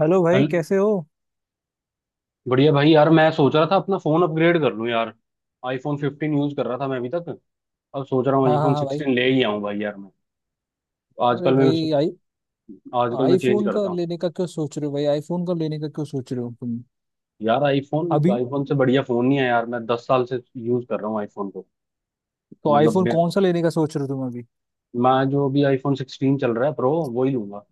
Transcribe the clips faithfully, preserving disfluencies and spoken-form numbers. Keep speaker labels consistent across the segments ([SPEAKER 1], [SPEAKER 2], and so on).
[SPEAKER 1] Hello भाई,
[SPEAKER 2] चल
[SPEAKER 1] कैसे हो?
[SPEAKER 2] बढ़िया भाई यार मैं सोच रहा था अपना फोन अपग्रेड कर लूं यार। आईफोन फिफ्टीन यूज कर रहा था मैं अभी तक। अब सोच रहा हूँ
[SPEAKER 1] हाँ हाँ
[SPEAKER 2] आईफोन
[SPEAKER 1] हाँ भाई।
[SPEAKER 2] सिक्सटीन ले ही आऊं भाई यार। मैं
[SPEAKER 1] अरे
[SPEAKER 2] आजकल मैं
[SPEAKER 1] भाई, आई
[SPEAKER 2] आजकल मैं चेंज
[SPEAKER 1] आईफोन का
[SPEAKER 2] करता हूँ।
[SPEAKER 1] लेने का क्यों सोच रहे हो भाई? आईफोन का लेने का क्यों सोच रहे हो तुम?
[SPEAKER 2] यार आईफोन
[SPEAKER 1] अभी
[SPEAKER 2] आईफोन से बढ़िया फोन नहीं है यार। मैं दस साल से यूज कर रहा हूँ आईफोन को।
[SPEAKER 1] तो
[SPEAKER 2] मतलब
[SPEAKER 1] आईफोन
[SPEAKER 2] मेरे
[SPEAKER 1] कौन सा लेने का सोच रहे हो तुम अभी?
[SPEAKER 2] मैं जो अभी आईफोन सिक्सटीन चल रहा है प्रो वो ही लूंगा।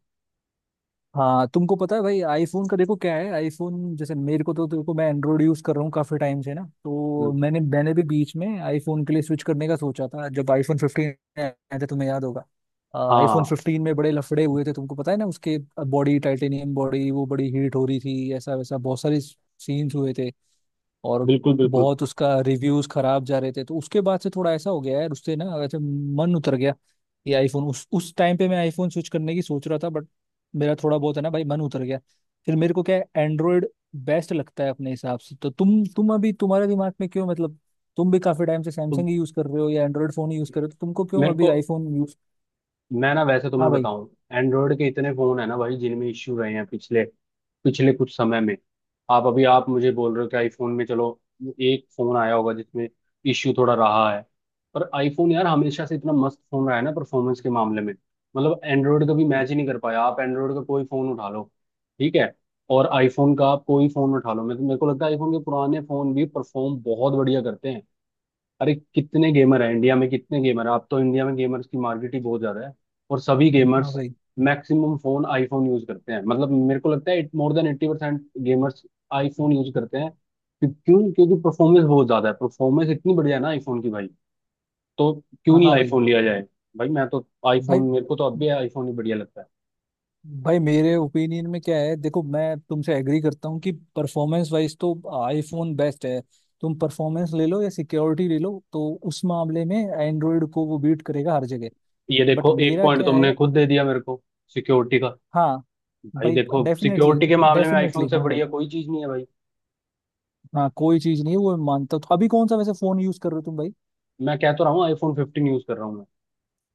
[SPEAKER 1] हाँ, तुमको पता है भाई, आईफोन का देखो क्या है, आईफोन जैसे मेरे को तो देखो, मैं एंड्रॉइड यूज कर रहा हूँ काफी टाइम से ना, तो
[SPEAKER 2] हम्म,
[SPEAKER 1] मैंने मैंने भी बीच में आईफोन के लिए स्विच करने का सोचा था जब आईफोन फिफ्टीन आया था, तुम्हें याद होगा। आईफोन
[SPEAKER 2] हाँ,
[SPEAKER 1] फिफ्टीन में बड़े लफड़े हुए थे, तुमको पता है ना उसके, बॉडी, टाइटेनियम बॉडी वो बड़ी हीट हो रही थी, ऐसा वैसा बहुत सारे सीन्स हुए थे और
[SPEAKER 2] बिल्कुल बिल्कुल।
[SPEAKER 1] बहुत उसका रिव्यूज खराब जा रहे थे। तो उसके बाद से थोड़ा ऐसा हो गया यार, उससे ना वैसे मन उतर गया, ये आईफोन। उस उस टाइम पे मैं आईफोन स्विच करने की सोच रहा था, बट मेरा थोड़ा बहुत है ना भाई, मन उतर गया। फिर मेरे को क्या है, एंड्रॉयड बेस्ट लगता है अपने हिसाब से। तो तुम तुम अभी तुम्हारे दिमाग में क्यों, मतलब तुम भी काफी टाइम से
[SPEAKER 2] तो
[SPEAKER 1] सैमसंग ही यूज कर रहे हो या एंड्रॉयड फोन ही यूज कर रहे हो, तो तुमको क्यों
[SPEAKER 2] मेरे
[SPEAKER 1] अभी
[SPEAKER 2] को
[SPEAKER 1] आईफोन यूज?
[SPEAKER 2] मैं ना वैसे
[SPEAKER 1] हाँ
[SPEAKER 2] तुम्हें
[SPEAKER 1] भाई।
[SPEAKER 2] बताऊं, एंड्रॉयड के इतने फोन है ना भाई जिनमें इश्यू रहे हैं पिछले पिछले कुछ समय में। आप अभी आप मुझे बोल रहे हो कि आईफोन में चलो एक फोन आया होगा जिसमें इश्यू थोड़ा रहा है। पर आईफोन यार हमेशा से इतना मस्त फोन रहा है ना परफॉर्मेंस के मामले में। मतलब एंड्रॉयड का भी मैच ही नहीं कर पाया। आप एंड्रॉयड का कोई फोन उठा लो ठीक है, और आईफोन का आप कोई फोन उठा लो, मेरे मेरे को लगता है आईफोन के पुराने फोन भी परफॉर्म बहुत बढ़िया करते हैं। अरे कितने गेमर हैं इंडिया में, कितने गेमर हैं। आप तो इंडिया में गेमर्स की मार्केट ही बहुत ज्यादा है और सभी
[SPEAKER 1] हाँ
[SPEAKER 2] गेमर्स
[SPEAKER 1] भाई।
[SPEAKER 2] मैक्सिमम फोन आईफोन यूज करते हैं। मतलब मेरे को लगता है it more than eighty percent gamers iPhone use करते हैं। क्यों क्यों? क्योंकि परफॉर्मेंस बहुत ज्यादा है, परफॉर्मेंस इतनी बढ़िया है ना आईफोन की भाई। तो क्यों
[SPEAKER 1] हाँ
[SPEAKER 2] नहीं
[SPEAKER 1] हाँ भाई।
[SPEAKER 2] आईफोन लिया जाए। भाई मैं तो
[SPEAKER 1] भाई
[SPEAKER 2] आईफोन, मेरे को तो अब भी आईफोन ही बढ़िया लगता है।
[SPEAKER 1] भाई, मेरे ओपिनियन में क्या है देखो, मैं तुमसे एग्री करता हूँ कि परफॉर्मेंस वाइज तो आईफोन बेस्ट है। तुम परफॉर्मेंस ले लो या सिक्योरिटी ले लो, तो उस मामले में एंड्रॉयड को वो बीट करेगा हर जगह।
[SPEAKER 2] ये
[SPEAKER 1] बट
[SPEAKER 2] देखो एक
[SPEAKER 1] मेरा
[SPEAKER 2] पॉइंट
[SPEAKER 1] क्या है?
[SPEAKER 2] तुमने खुद दे दिया मेरे को, सिक्योरिटी का।
[SPEAKER 1] हाँ
[SPEAKER 2] भाई
[SPEAKER 1] भाई,
[SPEAKER 2] देखो
[SPEAKER 1] डेफिनेटली,
[SPEAKER 2] सिक्योरिटी के मामले में आईफोन
[SPEAKER 1] डेफिनेटली।
[SPEAKER 2] से
[SPEAKER 1] हाँ भाई,
[SPEAKER 2] बढ़िया कोई चीज नहीं है भाई।
[SPEAKER 1] हाँ कोई चीज नहीं है वो, मैं मानता हूँ। तो अभी कौन सा वैसे फोन यूज कर रहे हो तुम भाई?
[SPEAKER 2] मैं कहता रहा हूँ आईफोन फिफ्टीन यूज कर रहा हूँ।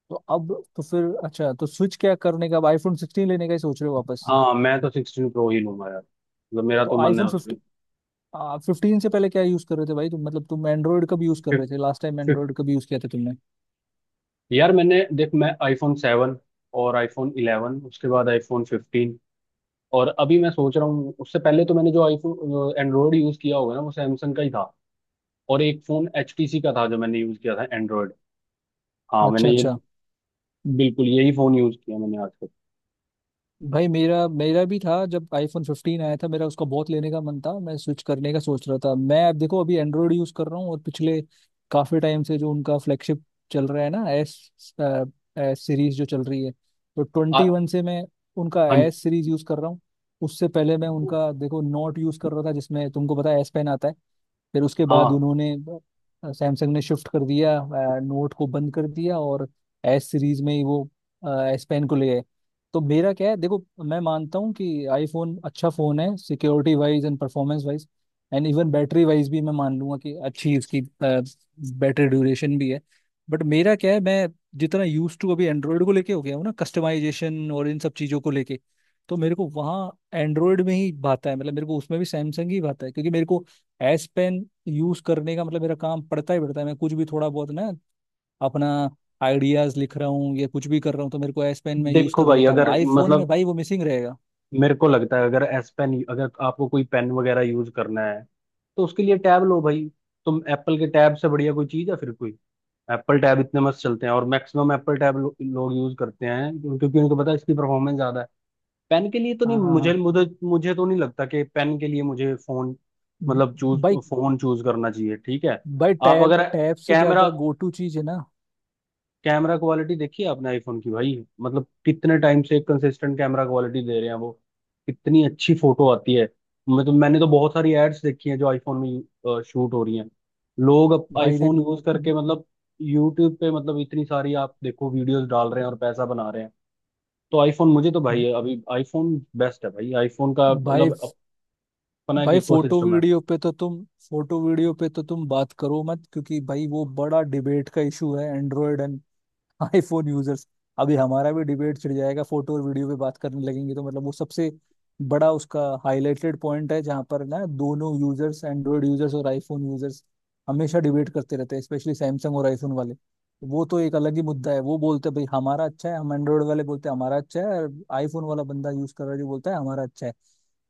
[SPEAKER 1] तो अब तो फिर अच्छा, तो स्विच क्या करने का अब, आईफोन सिक्सटीन लेने का ही सोच रहे हो वापस?
[SPEAKER 2] हाँ मैं तो सिक्सटीन प्रो ही लूंगा यार, मतलब मेरा
[SPEAKER 1] तो
[SPEAKER 2] तो मन है
[SPEAKER 1] आईफोन
[SPEAKER 2] उसमें।
[SPEAKER 1] फिफ्टी आप फिफ्टीन से पहले क्या यूज कर रहे थे भाई तुम? मतलब तुम एंड्रॉयड कब यूज कर रहे
[SPEAKER 2] फिफ्थ
[SPEAKER 1] थे, लास्ट टाइम
[SPEAKER 2] फिफ्थ
[SPEAKER 1] एंड्रॉयड कब यूज किया था तुमने?
[SPEAKER 2] यार मैंने देख मैं आईफोन सेवन और आईफोन इलेवन, उसके बाद आईफोन फिफ्टीन, और अभी मैं सोच रहा हूँ। उससे पहले तो मैंने जो आईफोन एंड्रॉयड यूज किया होगा ना वो सैमसंग का ही था, और एक फोन H T C का था जो मैंने यूज किया था एंड्रॉयड। हाँ मैंने
[SPEAKER 1] अच्छा
[SPEAKER 2] ये
[SPEAKER 1] अच्छा।
[SPEAKER 2] बिल्कुल यही फोन यूज किया मैंने आज तक।
[SPEAKER 1] भाई मेरा मेरा भी था, जब आईफोन फिफ्टीन आया था, मेरा उसका बहुत लेने का मन था, मैं स्विच करने का सोच रहा था। मैं अब देखो अभी एंड्रॉयड यूज कर रहा हूँ, और पिछले काफी टाइम से जो उनका फ्लैगशिप चल रहा है ना, एस एस सीरीज जो चल रही है, तो
[SPEAKER 2] आ-
[SPEAKER 1] ट्वेंटी वन से मैं उनका
[SPEAKER 2] हाँ,
[SPEAKER 1] एस सीरीज यूज कर रहा हूँ। उससे पहले मैं उनका देखो नोट यूज कर रहा था, जिसमें तुमको पता है एस पेन आता है। फिर उसके
[SPEAKER 2] हाँ,
[SPEAKER 1] बाद उन्होंने, सैमसंग ने शिफ्ट कर दिया, नोट को बंद कर दिया और एस सीरीज में ही वो एस पेन को ले गए। तो मेरा क्या है देखो, मैं मानता हूँ कि आईफोन अच्छा फ़ोन है, security wise and performance wise, and even battery wise भी मैं मान लूंगा कि अच्छी इसकी बैटरी ड्यूरेशन भी है। बट मेरा क्या है, मैं जितना यूज टू अभी एंड्रॉयड को लेके हो गया हूँ ना, कस्टमाइजेशन और इन सब चीज़ों को लेके, तो मेरे को वहाँ एंड्रॉयड में ही भाता है। मतलब मेरे को उसमें भी सैमसंग ही भाता है, क्योंकि मेरे को एस पेन यूज करने का मतलब मेरा काम पड़ता ही पड़ता है। मैं कुछ भी थोड़ा बहुत ना अपना आइडियाज लिख रहा हूँ या कुछ भी कर रहा हूँ, तो मेरे को एस पेन में यूज
[SPEAKER 2] देखो
[SPEAKER 1] कर
[SPEAKER 2] भाई
[SPEAKER 1] लेता हूँ।
[SPEAKER 2] अगर
[SPEAKER 1] आईफोन में
[SPEAKER 2] मतलब
[SPEAKER 1] भाई वो मिसिंग रहेगा।
[SPEAKER 2] मेरे को लगता है अगर एस पेन, अगर आपको कोई पेन वगैरह यूज करना है तो उसके लिए टैब लो भाई। तुम एप्पल के टैब से बढ़िया कोई चीज है फिर कोई? एप्पल टैब इतने मस्त चलते हैं और मैक्सिमम एप्पल टैब लो, लोग यूज करते हैं। क्यों- क्योंकि उनको पता है इसकी परफॉर्मेंस ज्यादा है। पेन के लिए तो नहीं
[SPEAKER 1] हाँ हाँ
[SPEAKER 2] मुझे
[SPEAKER 1] हाँ।
[SPEAKER 2] मुझे मुझे तो नहीं लगता कि पेन के लिए मुझे फोन,
[SPEAKER 1] ब-
[SPEAKER 2] मतलब चूज
[SPEAKER 1] भाई।
[SPEAKER 2] फोन चूज करना चाहिए ठीक है।
[SPEAKER 1] भाई
[SPEAKER 2] आप
[SPEAKER 1] टैब
[SPEAKER 2] अगर
[SPEAKER 1] टैब से
[SPEAKER 2] कैमरा
[SPEAKER 1] ज्यादा गो टू चीज है ना।
[SPEAKER 2] कैमरा क्वालिटी देखिए आपने आईफोन की भाई। मतलब कितने टाइम से एक कंसिस्टेंट कैमरा क्वालिटी दे रहे हैं वो, कितनी अच्छी फोटो आती है। मैं तो मैंने तो बहुत सारी एड्स देखी हैं जो आईफोन में शूट हो रही हैं। लोग अब
[SPEAKER 1] भाई
[SPEAKER 2] आईफोन
[SPEAKER 1] देख।
[SPEAKER 2] यूज करके मतलब यूट्यूब पे, मतलब इतनी सारी आप देखो वीडियोस डाल रहे हैं और पैसा बना रहे हैं। तो आईफोन मुझे तो भाई अभी आईफोन बेस्ट है भाई, आईफोन का
[SPEAKER 1] भाई
[SPEAKER 2] मतलब अपना एक
[SPEAKER 1] भाई, फोटो
[SPEAKER 2] इकोसिस्टम है।
[SPEAKER 1] वीडियो पे तो तुम, फोटो वीडियो पे तो तुम बात करो मत, क्योंकि भाई वो बड़ा डिबेट का इशू है, एंड्रॉयड एंड आईफोन यूजर्स। अभी हमारा भी डिबेट छिड़ जाएगा, फोटो और वीडियो पे बात करने लगेंगे, तो मतलब वो सबसे बड़ा उसका हाईलाइटेड पॉइंट है, जहाँ पर ना दोनों यूजर्स, एंड्रॉयड यूजर्स और आईफोन यूजर्स, हमेशा डिबेट करते रहते हैं, स्पेशली सैमसंग और आईफोन वाले। वो तो एक अलग ही मुद्दा है। वो बोलते हैं भाई हमारा अच्छा है, हम एंड्रॉयड वाले बोलते हैं हमारा अच्छा है, और आईफोन वाला बंदा यूज कर रहा है जो, बोलता है हमारा अच्छा है।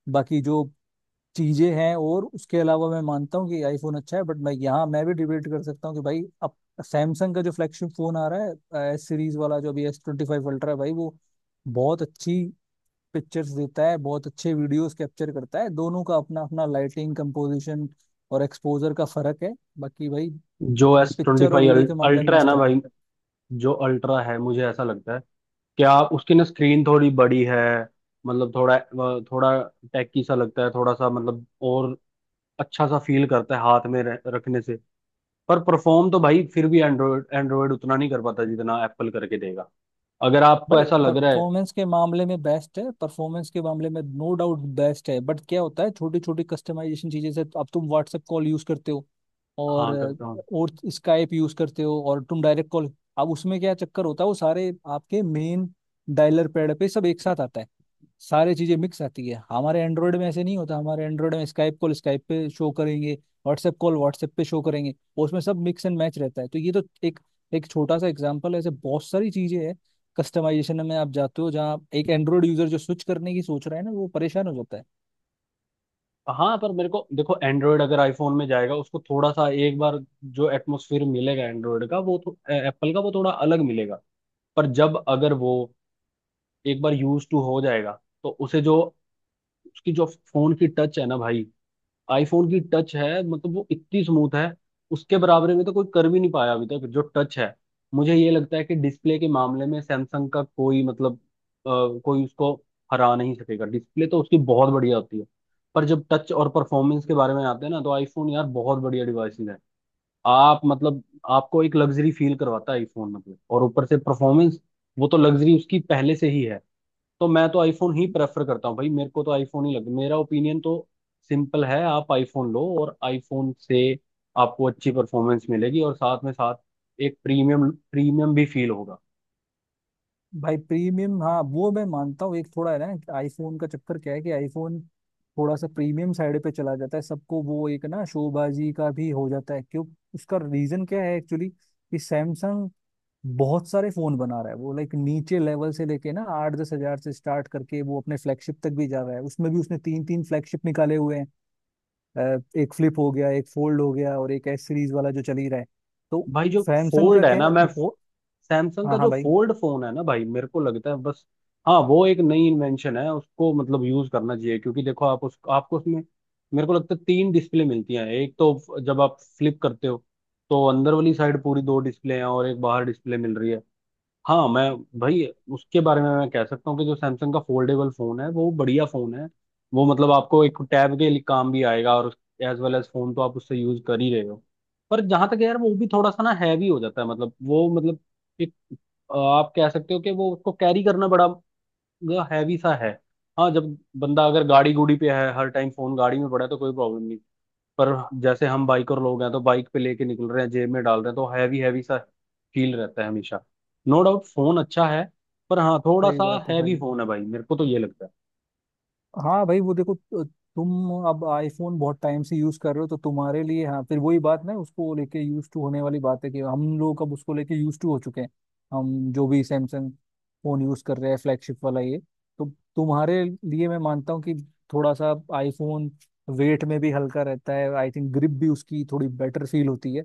[SPEAKER 1] बाकी जो चीजें हैं, और उसके अलावा मैं मानता हूँ कि आईफोन अच्छा है, बट मैं यहाँ मैं भी डिबेट कर सकता हूँ कि भाई, अब सैमसंग का जो फ्लैगशिप फोन आ रहा है एस सीरीज वाला, जो अभी एस ट्वेंटी फाइव अल्ट्रा है भाई, वो बहुत अच्छी पिक्चर्स देता है, बहुत अच्छे वीडियोस कैप्चर करता है। दोनों का अपना अपना लाइटिंग, कंपोजिशन और एक्सपोजर का फर्क है। बाकी भाई
[SPEAKER 2] जो एस ट्वेंटी
[SPEAKER 1] पिक्चर और
[SPEAKER 2] फाइव
[SPEAKER 1] वीडियो के मामले में
[SPEAKER 2] अल्ट्रा है
[SPEAKER 1] मस्त
[SPEAKER 2] ना
[SPEAKER 1] है।
[SPEAKER 2] भाई, जो अल्ट्रा है, मुझे ऐसा लगता है क्या उसकी ना स्क्रीन थोड़ी बड़ी है, मतलब थोड़ा वह थोड़ा टैकी सा लगता है थोड़ा सा, मतलब और अच्छा सा फील करता है हाथ में रह- रखने से। पर परफॉर्म तो भाई फिर भी एंड्रॉयड एंड्रॉयड उतना नहीं कर पाता जितना एप्पल करके देगा, अगर आपको
[SPEAKER 1] भाई
[SPEAKER 2] ऐसा लग रहा है।
[SPEAKER 1] परफॉर्मेंस के मामले में बेस्ट है, परफॉर्मेंस के मामले में नो डाउट बेस्ट है, बट क्या होता है छोटी छोटी कस्टमाइजेशन चीजें से, अब तुम व्हाट्सएप कॉल यूज करते हो और
[SPEAKER 2] हाँ करता हूँ।
[SPEAKER 1] और स्काइप यूज करते हो और तुम डायरेक्ट कॉल, अब उसमें क्या चक्कर होता है, वो सारे आपके मेन डायलर पैड पे सब एक साथ आता है, सारी चीजें मिक्स आती है। हमारे एंड्रॉयड में ऐसे नहीं होता, हमारे एंड्रॉयड में स्काइप कॉल स्काइप पे शो करेंगे, व्हाट्सएप कॉल व्हाट्सएप पे शो करेंगे, और उसमें सब मिक्स एंड मैच रहता है। तो ये तो एक एक छोटा सा एग्जाम्पल है, ऐसे बहुत सारी चीजें हैं कस्टमाइजेशन में, आप जाते हो जहाँ एक एंड्रॉइड यूजर जो स्विच करने की सोच रहा है ना, वो परेशान हो जाता है।
[SPEAKER 2] हाँ पर मेरे को देखो एंड्रॉयड अगर आईफोन में जाएगा उसको थोड़ा सा, एक बार जो एटमोसफियर मिलेगा एंड्रॉयड का वो, एप्पल का वो थोड़ा अलग मिलेगा। पर जब अगर वो एक बार यूज टू हो जाएगा, तो उसे जो उसकी जो फोन की टच है ना भाई, आईफोन की टच है, मतलब वो इतनी स्मूथ है उसके बराबरी में तो कोई कर भी नहीं पाया अभी तक जो टच है। मुझे ये लगता है कि डिस्प्ले के मामले में सैमसंग का कोई मतलब, अ, कोई उसको हरा नहीं सकेगा, डिस्प्ले तो उसकी बहुत बढ़िया होती है। पर जब टच और परफॉर्मेंस के बारे में आते हैं ना, तो आईफोन यार बहुत बढ़िया डिवाइस है। आप मतलब आपको एक लग्जरी फील करवाता है आईफोन, मतलब और ऊपर से परफॉर्मेंस, वो तो लग्जरी उसकी पहले से ही है। तो मैं तो आईफोन ही प्रेफर करता हूँ भाई, मेरे को तो आईफोन ही लगता है। मेरा ओपिनियन तो सिंपल है, आप आईफोन लो और आईफोन से आपको अच्छी परफॉर्मेंस मिलेगी और साथ में साथ एक प्रीमियम प्रीमियम भी फील होगा।
[SPEAKER 1] भाई प्रीमियम, हाँ वो मैं मानता हूँ, एक थोड़ा है ना, आईफोन का चक्कर क्या है कि आईफोन थोड़ा सा प्रीमियम साइड पे चला जाता है, सबको वो एक ना शोबाजी का भी हो जाता है। क्यों, उसका रीजन क्या है एक्चुअली, कि सैमसंग बहुत सारे फोन बना रहा है, वो लाइक नीचे लेवल से लेके ना आठ दस हजार से स्टार्ट करके वो अपने फ्लैगशिप तक भी जा रहा है, उसमें भी उसने तीन तीन फ्लैगशिप निकाले हुए हैं, अ, एक फ्लिप हो गया, एक फोल्ड हो गया और एक एस सीरीज वाला जो चल ही रहा है। तो
[SPEAKER 2] भाई जो
[SPEAKER 1] सैमसंग का
[SPEAKER 2] फोल्ड है
[SPEAKER 1] क्या
[SPEAKER 2] ना
[SPEAKER 1] है
[SPEAKER 2] मैं
[SPEAKER 1] वो,
[SPEAKER 2] सैमसंग
[SPEAKER 1] हाँ
[SPEAKER 2] का
[SPEAKER 1] हाँ
[SPEAKER 2] जो
[SPEAKER 1] भाई,
[SPEAKER 2] फोल्ड फोन है ना भाई, मेरे को लगता है बस, हाँ वो एक नई इन्वेंशन है, उसको मतलब यूज करना चाहिए क्योंकि देखो आप उस आपको उसमें मेरे को लगता है तीन डिस्प्ले मिलती हैं। एक तो जब आप फ्लिप करते हो तो अंदर वाली साइड पूरी दो डिस्प्ले हैं और एक बाहर डिस्प्ले मिल रही है। हाँ मैं भाई उसके बारे में मैं कह सकता हूँ कि जो सैमसंग का फोल्डेबल फोन है वो बढ़िया फोन है। वो मतलब आपको एक टैब के लिए काम भी आएगा और एज वेल एज फोन तो आप उससे यूज कर ही रहे हो। पर जहां तक है यार वो भी थोड़ा सा ना हैवी हो जाता है, मतलब वो मतलब एक अ, आप कह सकते हो कि वो उसको कैरी करना बड़ा हैवी सा है। हाँ जब बंदा अगर गाड़ी गुड़ी पे है, हर टाइम फोन गाड़ी में पड़ा है तो कोई प्रॉब्लम, पर जैसे हम बाइकर लोग हैं तो बाइक पे लेके निकल रहे हैं, जेब में डाल रहे हैं तो हैवी हैवी सा फील रहता है हमेशा। नो डाउट फोन अच्छा है पर हाँ थोड़ा
[SPEAKER 1] सही
[SPEAKER 2] सा
[SPEAKER 1] बात है
[SPEAKER 2] हैवी
[SPEAKER 1] भाई।
[SPEAKER 2] फोन है भाई, मेरे को तो ये लगता है।
[SPEAKER 1] हाँ भाई, वो देखो त- तुम अब आईफोन बहुत टाइम से यूज कर रहे हो, तो तुम्हारे लिए हाँ फिर वही बात ना, उसको लेके यूज टू होने वाली बात है कि हम लोग अब उसको लेके यूज टू हो चुके हैं, हम जो भी सैमसंग फोन यूज कर रहे हैं फ्लैगशिप वाला ये। तो तुम्हारे लिए मैं मानता हूँ कि थोड़ा सा आईफोन वेट में भी हल्का रहता है, आई थिंक ग्रिप भी उसकी थोड़ी बेटर फील होती है।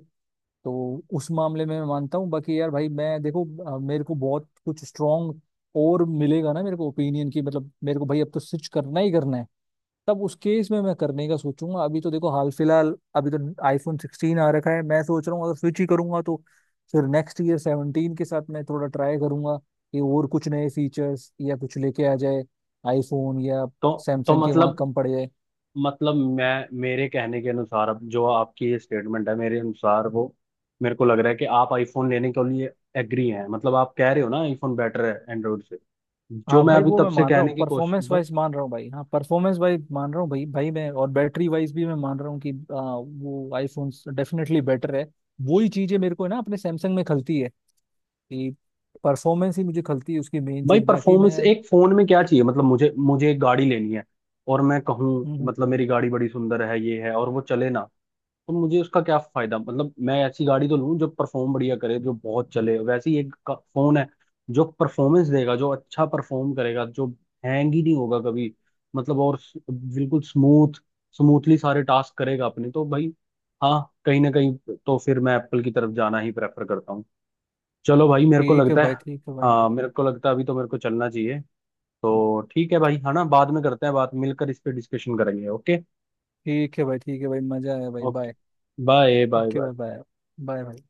[SPEAKER 1] तो उस मामले में मैं मानता हूँ। बाकी यार भाई मैं देखो, अ, मेरे को बहुत कुछ स्ट्रांग और मिलेगा ना मेरे को ओपिनियन की, मतलब मेरे को भाई अब तो स्विच करना ही करना है, तब उस केस में मैं करने का सोचूंगा। अभी तो देखो हाल फिलहाल, अभी तो आईफोन सिक्सटीन आ रखा है, मैं सोच रहा हूँ अगर स्विच ही करूंगा, तो फिर नेक्स्ट ईयर सेवनटीन के साथ मैं थोड़ा ट्राई करूंगा, कि और कुछ नए फीचर्स या कुछ लेके आ जाए आईफोन, या
[SPEAKER 2] तो तो
[SPEAKER 1] सैमसंग के वहाँ
[SPEAKER 2] मतलब
[SPEAKER 1] कम पड़ जाए।
[SPEAKER 2] मतलब मैं मेरे कहने के अनुसार अब जो आपकी ये स्टेटमेंट है, मेरे अनुसार वो, मेरे को लग रहा है कि आप आईफोन लेने के लिए एग्री हैं, मतलब आप कह रहे हो ना आईफोन बेटर है एंड्रॉइड से, जो
[SPEAKER 1] हाँ
[SPEAKER 2] मैं
[SPEAKER 1] भाई,
[SPEAKER 2] अभी
[SPEAKER 1] वो
[SPEAKER 2] तब
[SPEAKER 1] मैं
[SPEAKER 2] से
[SPEAKER 1] मान रहा हूँ,
[SPEAKER 2] कहने की कोशिश।
[SPEAKER 1] परफॉर्मेंस वाइज मान रहा हूँ भाई, हाँ परफॉर्मेंस वाइज मान रहा हूँ भाई, भाई मैं और बैटरी वाइज भी मैं मान रहा हूँ कि आ, वो आईफोन डेफिनेटली बेटर है। वो ही चीजें मेरे को ना अपने सैमसंग में खलती है, कि परफॉर्मेंस ही मुझे खलती है उसकी मेन
[SPEAKER 2] भाई
[SPEAKER 1] चीज। बाकी
[SPEAKER 2] परफॉर्मेंस
[SPEAKER 1] मैं हम्म,
[SPEAKER 2] एक फोन में क्या चाहिए, मतलब मुझे मुझे एक गाड़ी लेनी है और मैं कहूँ
[SPEAKER 1] हम्म,
[SPEAKER 2] मतलब मेरी गाड़ी बड़ी सुंदर है ये है और वो चले ना, तो मुझे उसका क्या फायदा। मतलब मैं ऐसी गाड़ी तो लूँ जो परफॉर्म बढ़िया करे, जो बहुत चले, वैसे ही एक का- फोन है जो परफॉर्मेंस देगा, जो अच्छा परफॉर्म करेगा, जो हैंग ही नहीं होगा कभी, मतलब और स- बिल्कुल स्मूथ स्मूथली सारे टास्क करेगा अपने, तो भाई हाँ कहीं ना कहीं तो फिर मैं एप्पल की तरफ जाना ही प्रेफर करता हूँ। चलो भाई मेरे को
[SPEAKER 1] ठीक है
[SPEAKER 2] लगता है,
[SPEAKER 1] भाई, ठीक है भाई।
[SPEAKER 2] हाँ मेरे को लगता है अभी तो मेरे को चलना चाहिए। तो ठीक है भाई है ना, बाद में करते हैं बात, मिलकर इस पे डिस्कशन करेंगे, ओके।
[SPEAKER 1] ठीक है भाई, ठीक है भाई, मजा आया भाई।
[SPEAKER 2] Okay,
[SPEAKER 1] bye.
[SPEAKER 2] Bye bye
[SPEAKER 1] okay
[SPEAKER 2] bye.
[SPEAKER 1] भाई, बाय बाय भाई।